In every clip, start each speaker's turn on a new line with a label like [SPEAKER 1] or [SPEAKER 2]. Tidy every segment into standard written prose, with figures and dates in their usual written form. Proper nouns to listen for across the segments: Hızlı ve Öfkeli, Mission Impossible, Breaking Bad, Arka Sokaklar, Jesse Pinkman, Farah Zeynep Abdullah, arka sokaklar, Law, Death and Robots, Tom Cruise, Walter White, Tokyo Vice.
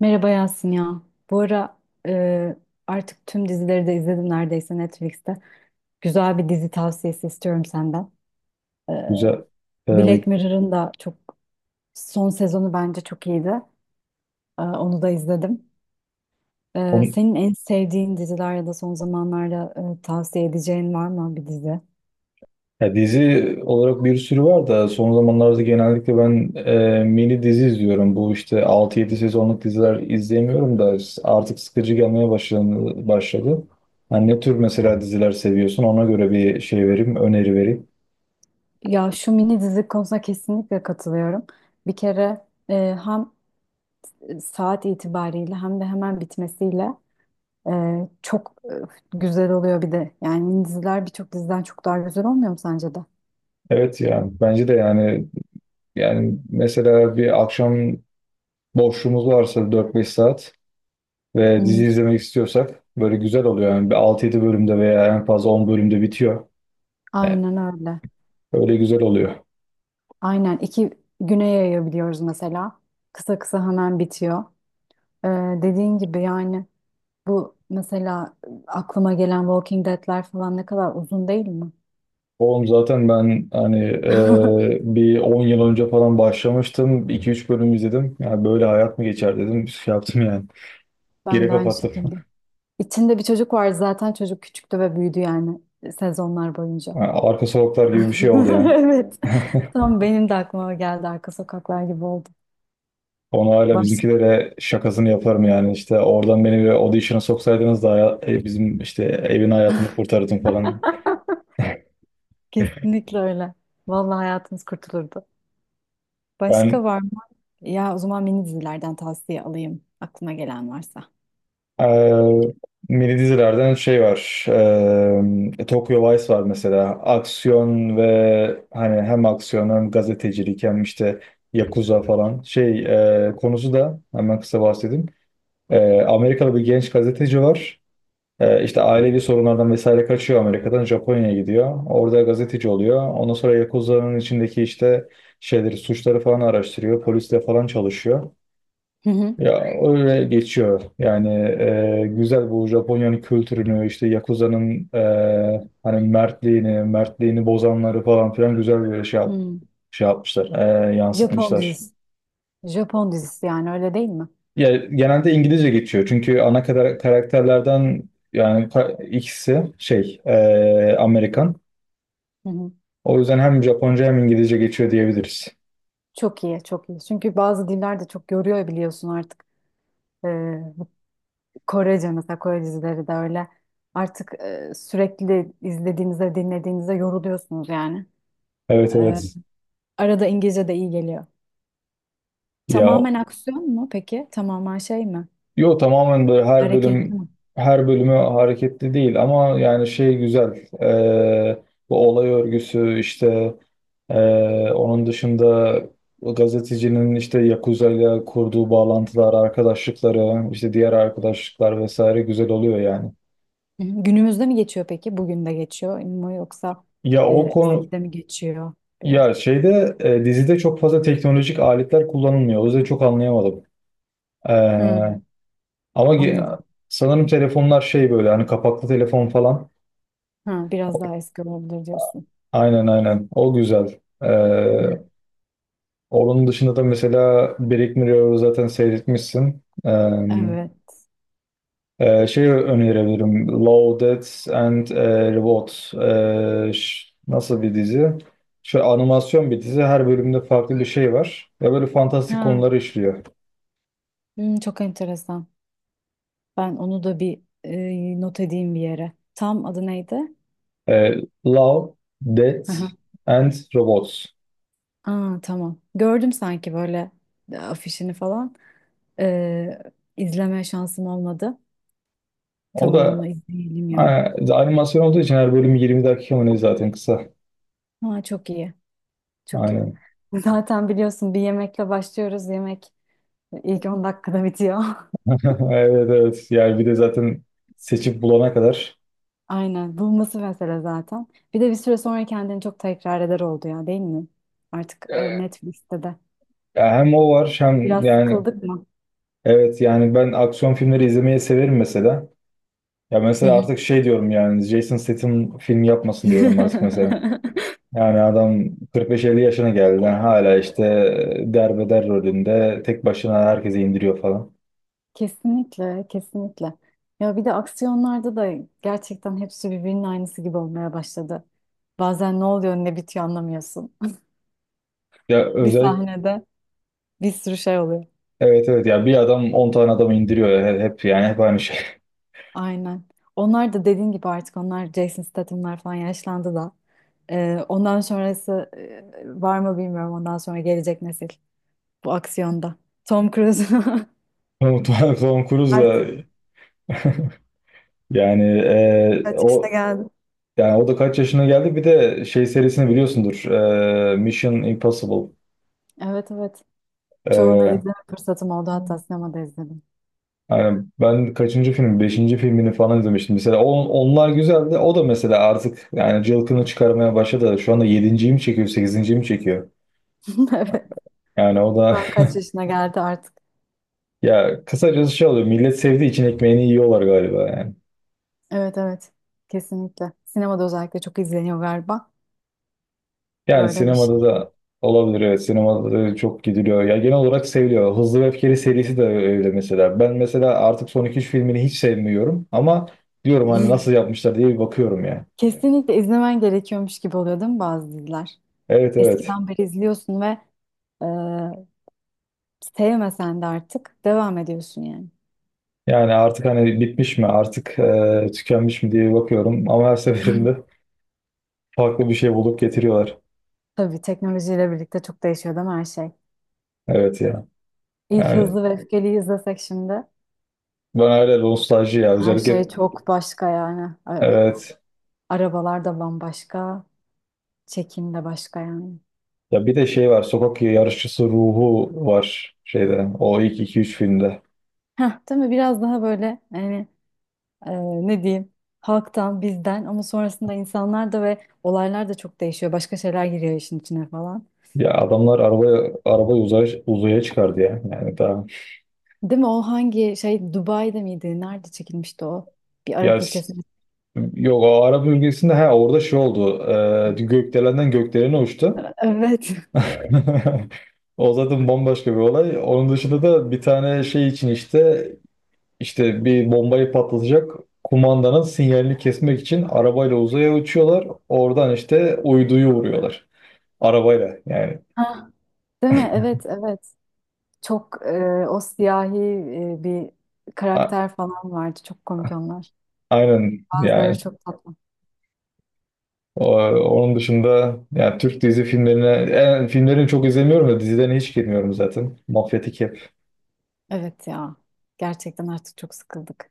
[SPEAKER 1] Merhaba Yasin ya. Bu ara e, artık tüm dizileri de izledim neredeyse Netflix'te. Güzel bir dizi tavsiyesi istiyorum senden. E,
[SPEAKER 2] Güzel. Ee,
[SPEAKER 1] Black Mirror'ın da çok son sezonu bence çok iyiydi. Onu da izledim.
[SPEAKER 2] on,
[SPEAKER 1] Senin en sevdiğin diziler ya da son zamanlarda tavsiye edeceğin var mı bir dizi?
[SPEAKER 2] Ya dizi olarak bir sürü var da son zamanlarda genellikle ben mini dizi izliyorum. Bu işte 6-7 sezonluk diziler izleyemiyorum da artık sıkıcı gelmeye başladı. Hani ne tür mesela diziler seviyorsun, ona göre bir şey vereyim, öneri vereyim.
[SPEAKER 1] Ya şu mini dizi konusuna kesinlikle katılıyorum. Bir kere hem saat itibariyle hem de hemen bitmesiyle çok güzel oluyor bir de. Yani diziler birçok diziden çok daha güzel olmuyor mu sence de?
[SPEAKER 2] Evet, yani bence de, yani mesela bir akşam boşluğumuz varsa 4-5 saat ve dizi
[SPEAKER 1] Hı.
[SPEAKER 2] izlemek istiyorsak böyle güzel oluyor, yani bir 6-7 bölümde veya en fazla 10 bölümde bitiyor. Yani
[SPEAKER 1] Aynen öyle.
[SPEAKER 2] öyle güzel oluyor.
[SPEAKER 1] Aynen 2 güne yayabiliyoruz mesela. Kısa kısa hemen bitiyor. Ee, Dediğin gibi yani bu mesela aklıma gelen Walking Dead'ler falan ne kadar uzun değil mi?
[SPEAKER 2] Oğlum, zaten ben hani bir 10 yıl önce falan başlamıştım. İki üç bölüm izledim. Yani böyle hayat mı geçer dedim. Şey yaptım yani.
[SPEAKER 1] Ben
[SPEAKER 2] Geri
[SPEAKER 1] de aynı
[SPEAKER 2] kapattım.
[SPEAKER 1] şekilde. İçinde bir çocuk vardı zaten, çocuk küçüktü ve büyüdü yani sezonlar boyunca.
[SPEAKER 2] Yani arka sokaklar gibi bir şey oldu yani.
[SPEAKER 1] Evet. Tam benim de aklıma geldi, arka sokaklar gibi oldu.
[SPEAKER 2] Onu hala bizimkilere şakasını yaparım yani. İşte oradan beni bir audition'a soksaydınız da bizim işte evin hayatını kurtarırdım falan.
[SPEAKER 1] Kesinlikle öyle. Vallahi hayatınız kurtulurdu.
[SPEAKER 2] Ben
[SPEAKER 1] Başka var mı? Ya o zaman mini dizilerden tavsiye alayım aklıma gelen varsa.
[SPEAKER 2] Ee, Mini dizilerden şey var. Tokyo Vice var mesela. Aksiyon, ve hani hem aksiyon, hem gazetecilik, hem işte Yakuza falan. Şey, konusu da hemen kısa bahsedeyim. Amerikalı bir genç gazeteci var. İşte ailevi sorunlardan vesaire kaçıyor, Amerika'dan Japonya'ya gidiyor. Orada gazeteci oluyor. Ondan sonra Yakuza'nın içindeki işte şeyleri, suçları falan araştırıyor. Polisle falan çalışıyor.
[SPEAKER 1] Hı hı.
[SPEAKER 2] Ya öyle geçiyor. Yani güzel, bu Japonya'nın kültürünü, işte Yakuza'nın hani mertliğini, bozanları falan filan güzel bir şey,
[SPEAKER 1] Hmm.
[SPEAKER 2] şey yapmışlar,
[SPEAKER 1] Japon
[SPEAKER 2] yansıtmışlar.
[SPEAKER 1] dizisi. Japon dizisi yani, öyle değil mi?
[SPEAKER 2] Ya genelde İngilizce geçiyor, çünkü ana kadar karakterlerden yani ikisi şey, Amerikan.
[SPEAKER 1] Hı hı.
[SPEAKER 2] O yüzden hem Japonca hem İngilizce geçiyor diyebiliriz.
[SPEAKER 1] Çok iyi, çok iyi. Çünkü bazı diller de çok yoruyor biliyorsun artık. Ee, Korece mesela, Kore dizileri de öyle. Artık sürekli izlediğinizde, dinlediğinizde yoruluyorsunuz yani.
[SPEAKER 2] Evet,
[SPEAKER 1] Ee,
[SPEAKER 2] evet.
[SPEAKER 1] Arada İngilizce de iyi geliyor.
[SPEAKER 2] Ya,
[SPEAKER 1] Tamamen aksiyon mu peki? Tamamen şey mi?
[SPEAKER 2] yo, tamamen böyle
[SPEAKER 1] Hareketli mi?
[SPEAKER 2] her bölümü hareketli değil, ama yani şey güzel. Bu olay örgüsü işte, onun dışında o gazetecinin işte Yakuza ile kurduğu bağlantılar, arkadaşlıkları, işte diğer arkadaşlıklar vesaire güzel oluyor yani.
[SPEAKER 1] Hı hı. Günümüzde mi geçiyor peki? Bugün de geçiyor mu, yoksa
[SPEAKER 2] Ya o konu
[SPEAKER 1] eskide mi geçiyor biraz?
[SPEAKER 2] Ya, şeyde, dizide çok fazla teknolojik aletler kullanılmıyor. O yüzden çok anlayamadım.
[SPEAKER 1] Hı,
[SPEAKER 2] Ee, Ama
[SPEAKER 1] anladım.
[SPEAKER 2] sanırım telefonlar şey, böyle hani kapaklı telefon falan.
[SPEAKER 1] Ha, biraz daha eski olabilir diyorsun.
[SPEAKER 2] Aynen aynen. O güzel.
[SPEAKER 1] Hı.
[SPEAKER 2] Onun dışında da mesela Brick Mirror'ı zaten seyretmişsin.
[SPEAKER 1] Evet.
[SPEAKER 2] Şey önerebilirim. Law, Death and Reward. Nasıl bir dizi? Şöyle animasyon bir dizi. Her bölümde farklı bir şey var. Ve böyle fantastik
[SPEAKER 1] Ha.
[SPEAKER 2] konuları işliyor.
[SPEAKER 1] Hı, çok enteresan. Ben onu da bir not edeyim bir yere. Tam adı neydi?
[SPEAKER 2] Ee, Law,
[SPEAKER 1] Hı
[SPEAKER 2] Death
[SPEAKER 1] hı.
[SPEAKER 2] and Robots.
[SPEAKER 1] Aa, tamam. Gördüm sanki böyle afişini falan. E, izleme şansım olmadı.
[SPEAKER 2] O
[SPEAKER 1] Tamam, onu
[SPEAKER 2] da
[SPEAKER 1] izleyelim ya.
[SPEAKER 2] animasyon olduğu için her bölüm 20 dakika mı ne, zaten kısa.
[SPEAKER 1] Ha, çok iyi. Çok iyi.
[SPEAKER 2] Aynen.
[SPEAKER 1] Zaten biliyorsun, bir yemekle başlıyoruz. Yemek ilk 10 dakikada bitiyor.
[SPEAKER 2] Evet, evet. Yani bir de zaten seçip bulana kadar.
[SPEAKER 1] Aynen. Bulması mesele zaten. Bir de bir süre sonra kendini çok tekrar eder oldu ya, değil mi? Artık
[SPEAKER 2] Ee,
[SPEAKER 1] Netflix'te de.
[SPEAKER 2] Ya hem o var, hem
[SPEAKER 1] Biraz
[SPEAKER 2] yani
[SPEAKER 1] sıkıldık mı?
[SPEAKER 2] evet, yani ben aksiyon filmleri izlemeyi severim mesela. Ya
[SPEAKER 1] Hı
[SPEAKER 2] mesela
[SPEAKER 1] hı.
[SPEAKER 2] artık şey diyorum, yani Jason Statham film yapmasın diyorum artık mesela. Yani adam 45 50 yaşına geldi. Yani hala işte derbeder rolünde tek başına herkese indiriyor falan.
[SPEAKER 1] Kesinlikle, kesinlikle. Ya bir de aksiyonlarda da gerçekten hepsi birbirinin aynısı gibi olmaya başladı. Bazen ne oluyor ne bitiyor anlamıyorsun.
[SPEAKER 2] Ya
[SPEAKER 1] Bir
[SPEAKER 2] özellikle
[SPEAKER 1] sahnede bir sürü şey oluyor.
[SPEAKER 2] evet, evet, ya bir adam 10 tane adamı indiriyor ya. Hep yani hep aynı şey.
[SPEAKER 1] Aynen. Onlar da dediğin gibi artık, onlar Jason Statham'lar falan yaşlandı da. Ondan sonrası var mı bilmiyorum. Ondan sonra gelecek nesil bu aksiyonda. Tom Cruise
[SPEAKER 2] Tom Cruise
[SPEAKER 1] artık
[SPEAKER 2] da yani e,
[SPEAKER 1] kaç yaşına
[SPEAKER 2] o
[SPEAKER 1] geldi.
[SPEAKER 2] yani o da kaç yaşına geldi. Bir de şey serisini biliyorsundur. Mission Impossible.
[SPEAKER 1] Evet evet. Çoğunu
[SPEAKER 2] Ee,
[SPEAKER 1] izleme fırsatım oldu. Hatta sinemada izledim.
[SPEAKER 2] Yani ben kaçıncı film? Beşinci filmini falan izlemiştim. Mesela onlar güzeldi. O da mesela artık yani cılkını çıkarmaya başladı. Şu anda yedinciyi mi çekiyor, sekizinciyi mi çekiyor?
[SPEAKER 1] Evet.
[SPEAKER 2] Yani o da
[SPEAKER 1] Tam kaç yaşına geldi artık.
[SPEAKER 2] ya kısacası şey oluyor. Millet sevdiği için ekmeğini yiyorlar galiba yani.
[SPEAKER 1] Evet evet. Kesinlikle. Sinemada özellikle çok izleniyor galiba.
[SPEAKER 2] Yani
[SPEAKER 1] Böyle bir
[SPEAKER 2] sinemada
[SPEAKER 1] şey.
[SPEAKER 2] da olabilir, evet. Sinemada da çok gidiliyor. Ya genel olarak seviliyor. Hızlı ve Öfkeli serisi de öyle mesela. Ben mesela artık son iki üç filmini hiç sevmiyorum, ama diyorum hani nasıl yapmışlar diye bir bakıyorum ya.
[SPEAKER 1] Kesinlikle izlemen gerekiyormuş gibi oluyor değil mi bazı diziler?
[SPEAKER 2] Evet, evet.
[SPEAKER 1] Eskiden beri izliyorsun ve e, sevmesen de artık devam ediyorsun yani.
[SPEAKER 2] Yani artık hani bitmiş mi, artık tükenmiş mi diye bakıyorum, ama her seferinde farklı bir şey bulup getiriyorlar.
[SPEAKER 1] Tabii teknolojiyle birlikte çok değişiyor değil mi her şey?
[SPEAKER 2] Evet ya.
[SPEAKER 1] İlk
[SPEAKER 2] Yani
[SPEAKER 1] Hızlı ve Öfkeli'yi izlesek şimdi
[SPEAKER 2] ben öyle nostalji, ya
[SPEAKER 1] her şey
[SPEAKER 2] özellikle
[SPEAKER 1] çok başka yani.
[SPEAKER 2] evet.
[SPEAKER 1] Arabalar da bambaşka, çekim de başka yani.
[SPEAKER 2] Ya, bir de şey var, sokak yarışçısı ruhu var şeyde, o ilk iki üç filmde.
[SPEAKER 1] Heh, değil mi? Biraz daha böyle yani e, ne diyeyim, halktan, bizden, ama sonrasında insanlar da ve olaylar da çok değişiyor. Başka şeyler giriyor işin içine falan.
[SPEAKER 2] Ya adamlar arabayı uzaya çıkardı ya. Yani daha
[SPEAKER 1] Değil mi? O hangi şey, Dubai'de miydi? Nerede çekilmişti o? Bir
[SPEAKER 2] ya
[SPEAKER 1] Arap
[SPEAKER 2] s-
[SPEAKER 1] ülkesinde.
[SPEAKER 2] yok, o Arap ülkesinde, ha orada şey oldu. Gökdelenden gökdelene uçtu.
[SPEAKER 1] Evet.
[SPEAKER 2] O zaten bambaşka bir olay. Onun dışında da bir tane şey için işte, işte bir bombayı patlatacak kumandanın sinyalini kesmek için arabayla uzaya uçuyorlar. Oradan işte uyduyu vuruyorlar. Arabayla yani.
[SPEAKER 1] Ha. Değil mi? Evet, evet. Çok o siyahi bir
[SPEAKER 2] A-
[SPEAKER 1] karakter falan vardı. Çok komik onlar.
[SPEAKER 2] aynen
[SPEAKER 1] Bazıları
[SPEAKER 2] yani.
[SPEAKER 1] çok tatlı.
[SPEAKER 2] Onun dışında yani Türk dizi filmlerine, yani filmlerini çok izlemiyorum da, dizilerine hiç girmiyorum zaten. Mafyatik hep.
[SPEAKER 1] Evet ya. Gerçekten artık çok sıkıldık.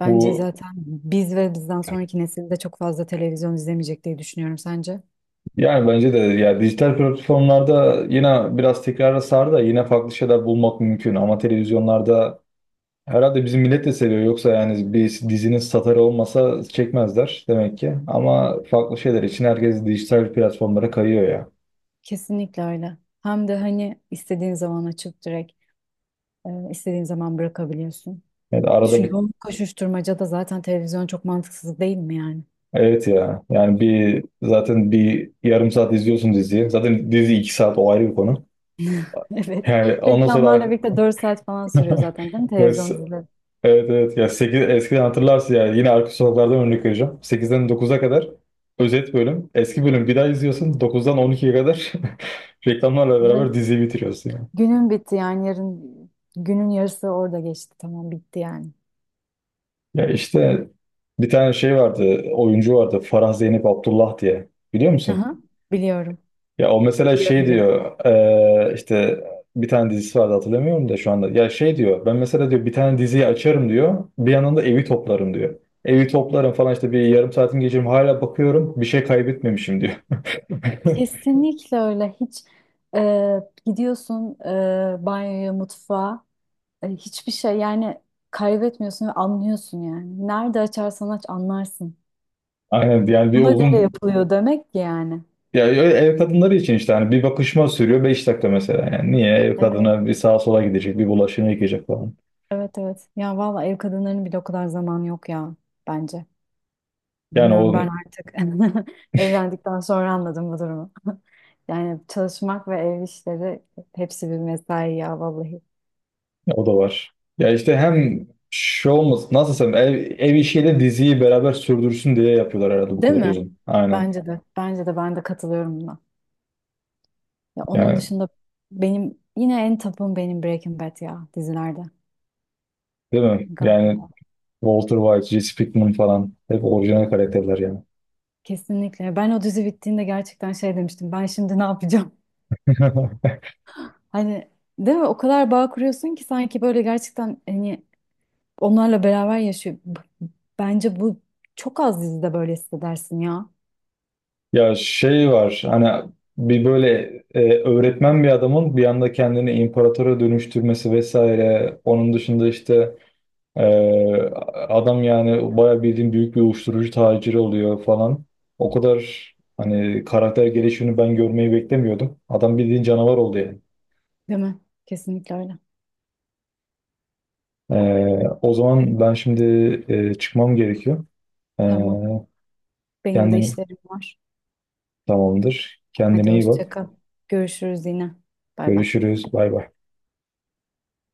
[SPEAKER 1] Bence
[SPEAKER 2] Bu,
[SPEAKER 1] zaten biz ve bizden sonraki nesilde çok fazla televizyon izlemeyecek diye düşünüyorum, sence.
[SPEAKER 2] yani bence de yani dijital platformlarda yine biraz tekrara sardı da yine farklı şeyler bulmak mümkün, ama televizyonlarda herhalde bizim millet de seviyor, yoksa yani bir dizinin satarı olmasa çekmezler demek ki. Ama farklı şeyler için herkes dijital platformlara kayıyor ya.
[SPEAKER 1] Kesinlikle öyle. Hem de hani istediğin zaman açıp direkt istediğin zaman bırakabiliyorsun.
[SPEAKER 2] Yani arada
[SPEAKER 1] Şu
[SPEAKER 2] bir,
[SPEAKER 1] yoğun koşuşturmacada zaten televizyon çok mantıksız değil mi yani?
[SPEAKER 2] evet ya. Yani bir, zaten bir yarım saat izliyorsun diziyi. Zaten dizi 2 saat, o ayrı bir konu.
[SPEAKER 1] Evet.
[SPEAKER 2] Yani ondan sonra
[SPEAKER 1] Reklamlarla birlikte 4 saat falan sürüyor zaten değil mi
[SPEAKER 2] evet,
[SPEAKER 1] televizyon dizileri?
[SPEAKER 2] evet, ya eskiden hatırlarsın yani, yine arka sokaklardan örnek vereceğim. 8'den 9'a kadar özet bölüm. Eski bölüm bir daha izliyorsun. 9'dan 12'ye kadar reklamlarla
[SPEAKER 1] Evet.
[SPEAKER 2] beraber diziyi bitiriyorsun yani.
[SPEAKER 1] Günün bitti yani, yarın günün yarısı orada geçti. Tamam, bitti yani.
[SPEAKER 2] Ya işte bir tane şey vardı, oyuncu vardı, Farah Zeynep Abdullah diye. Biliyor
[SPEAKER 1] Hı
[SPEAKER 2] musun?
[SPEAKER 1] hı. Biliyorum.
[SPEAKER 2] Ya o mesela
[SPEAKER 1] Biliyorum
[SPEAKER 2] şey
[SPEAKER 1] biliyorum.
[SPEAKER 2] diyor, işte bir tane dizisi vardı hatırlamıyorum da şu anda. Ya şey diyor, ben mesela diyor bir tane diziyi açarım diyor. Bir yandan da evi toplarım diyor. Evi toplarım falan, işte bir yarım saatim geçirim, hala bakıyorum bir şey kaybetmemişim diyor.
[SPEAKER 1] Kesinlikle öyle. Hiç e, gidiyorsun banyoya, mutfağa. Hiçbir şey yani kaybetmiyorsun ve anlıyorsun yani. Nerede açarsan aç anlarsın.
[SPEAKER 2] Aynen, yani bir
[SPEAKER 1] Buna göre
[SPEAKER 2] uzun,
[SPEAKER 1] yapılıyor demek ki yani.
[SPEAKER 2] ya öyle ev kadınları için işte, hani bir bakışma sürüyor 5 dakika mesela, yani niye, ev
[SPEAKER 1] Evet.
[SPEAKER 2] kadına bir sağa sola gidecek, bir bulaşığını yıkayacak falan.
[SPEAKER 1] Evet evet. Ya valla ev kadınlarının bile o kadar zamanı yok ya bence.
[SPEAKER 2] Yani
[SPEAKER 1] Bilmiyorum
[SPEAKER 2] o
[SPEAKER 1] ben artık, evlendikten sonra anladım bu durumu. Yani çalışmak ve ev işleri, hepsi bir mesai ya vallahi.
[SPEAKER 2] O da var. Ya işte hem şey olmasın, nasıl desem, ev işiyle diziyi beraber sürdürsün diye yapıyorlar herhalde bu
[SPEAKER 1] Değil
[SPEAKER 2] kadar
[SPEAKER 1] mi?
[SPEAKER 2] uzun. Aynen.
[SPEAKER 1] Bence de. Bence de, ben de katılıyorum buna. Ya onun
[SPEAKER 2] Yani
[SPEAKER 1] dışında benim yine en tapım benim Breaking Bad ya, dizilerde.
[SPEAKER 2] değil mi? Yani
[SPEAKER 1] Galiba.
[SPEAKER 2] Walter White, Jesse Pinkman falan, hep orijinal karakterler yani.
[SPEAKER 1] Kesinlikle. Ben o dizi bittiğinde gerçekten şey demiştim. Ben şimdi ne yapacağım? Hani değil mi? O kadar bağ kuruyorsun ki sanki böyle gerçekten hani onlarla beraber yaşıyor. Bence bu çok az dizide böyle hissedersin ya.
[SPEAKER 2] Ya şey var hani, bir böyle öğretmen bir adamın bir anda kendini imparatora dönüştürmesi vesaire. Onun dışında işte Ee, adam yani bayağı bildiğim büyük bir uyuşturucu taciri oluyor falan. O kadar hani karakter gelişimini ben görmeyi beklemiyordum. Adam bildiğin canavar oldu yani.
[SPEAKER 1] Değil mi? Kesinlikle öyle.
[SPEAKER 2] O zaman ben şimdi çıkmam gerekiyor. Ee,
[SPEAKER 1] Tamam. Benim de
[SPEAKER 2] kendin
[SPEAKER 1] işlerim var.
[SPEAKER 2] tamamdır.
[SPEAKER 1] Hadi
[SPEAKER 2] Kendine iyi
[SPEAKER 1] hoşça
[SPEAKER 2] bak.
[SPEAKER 1] kal. Görüşürüz yine. Bay bay.
[SPEAKER 2] Görüşürüz. Bay bay.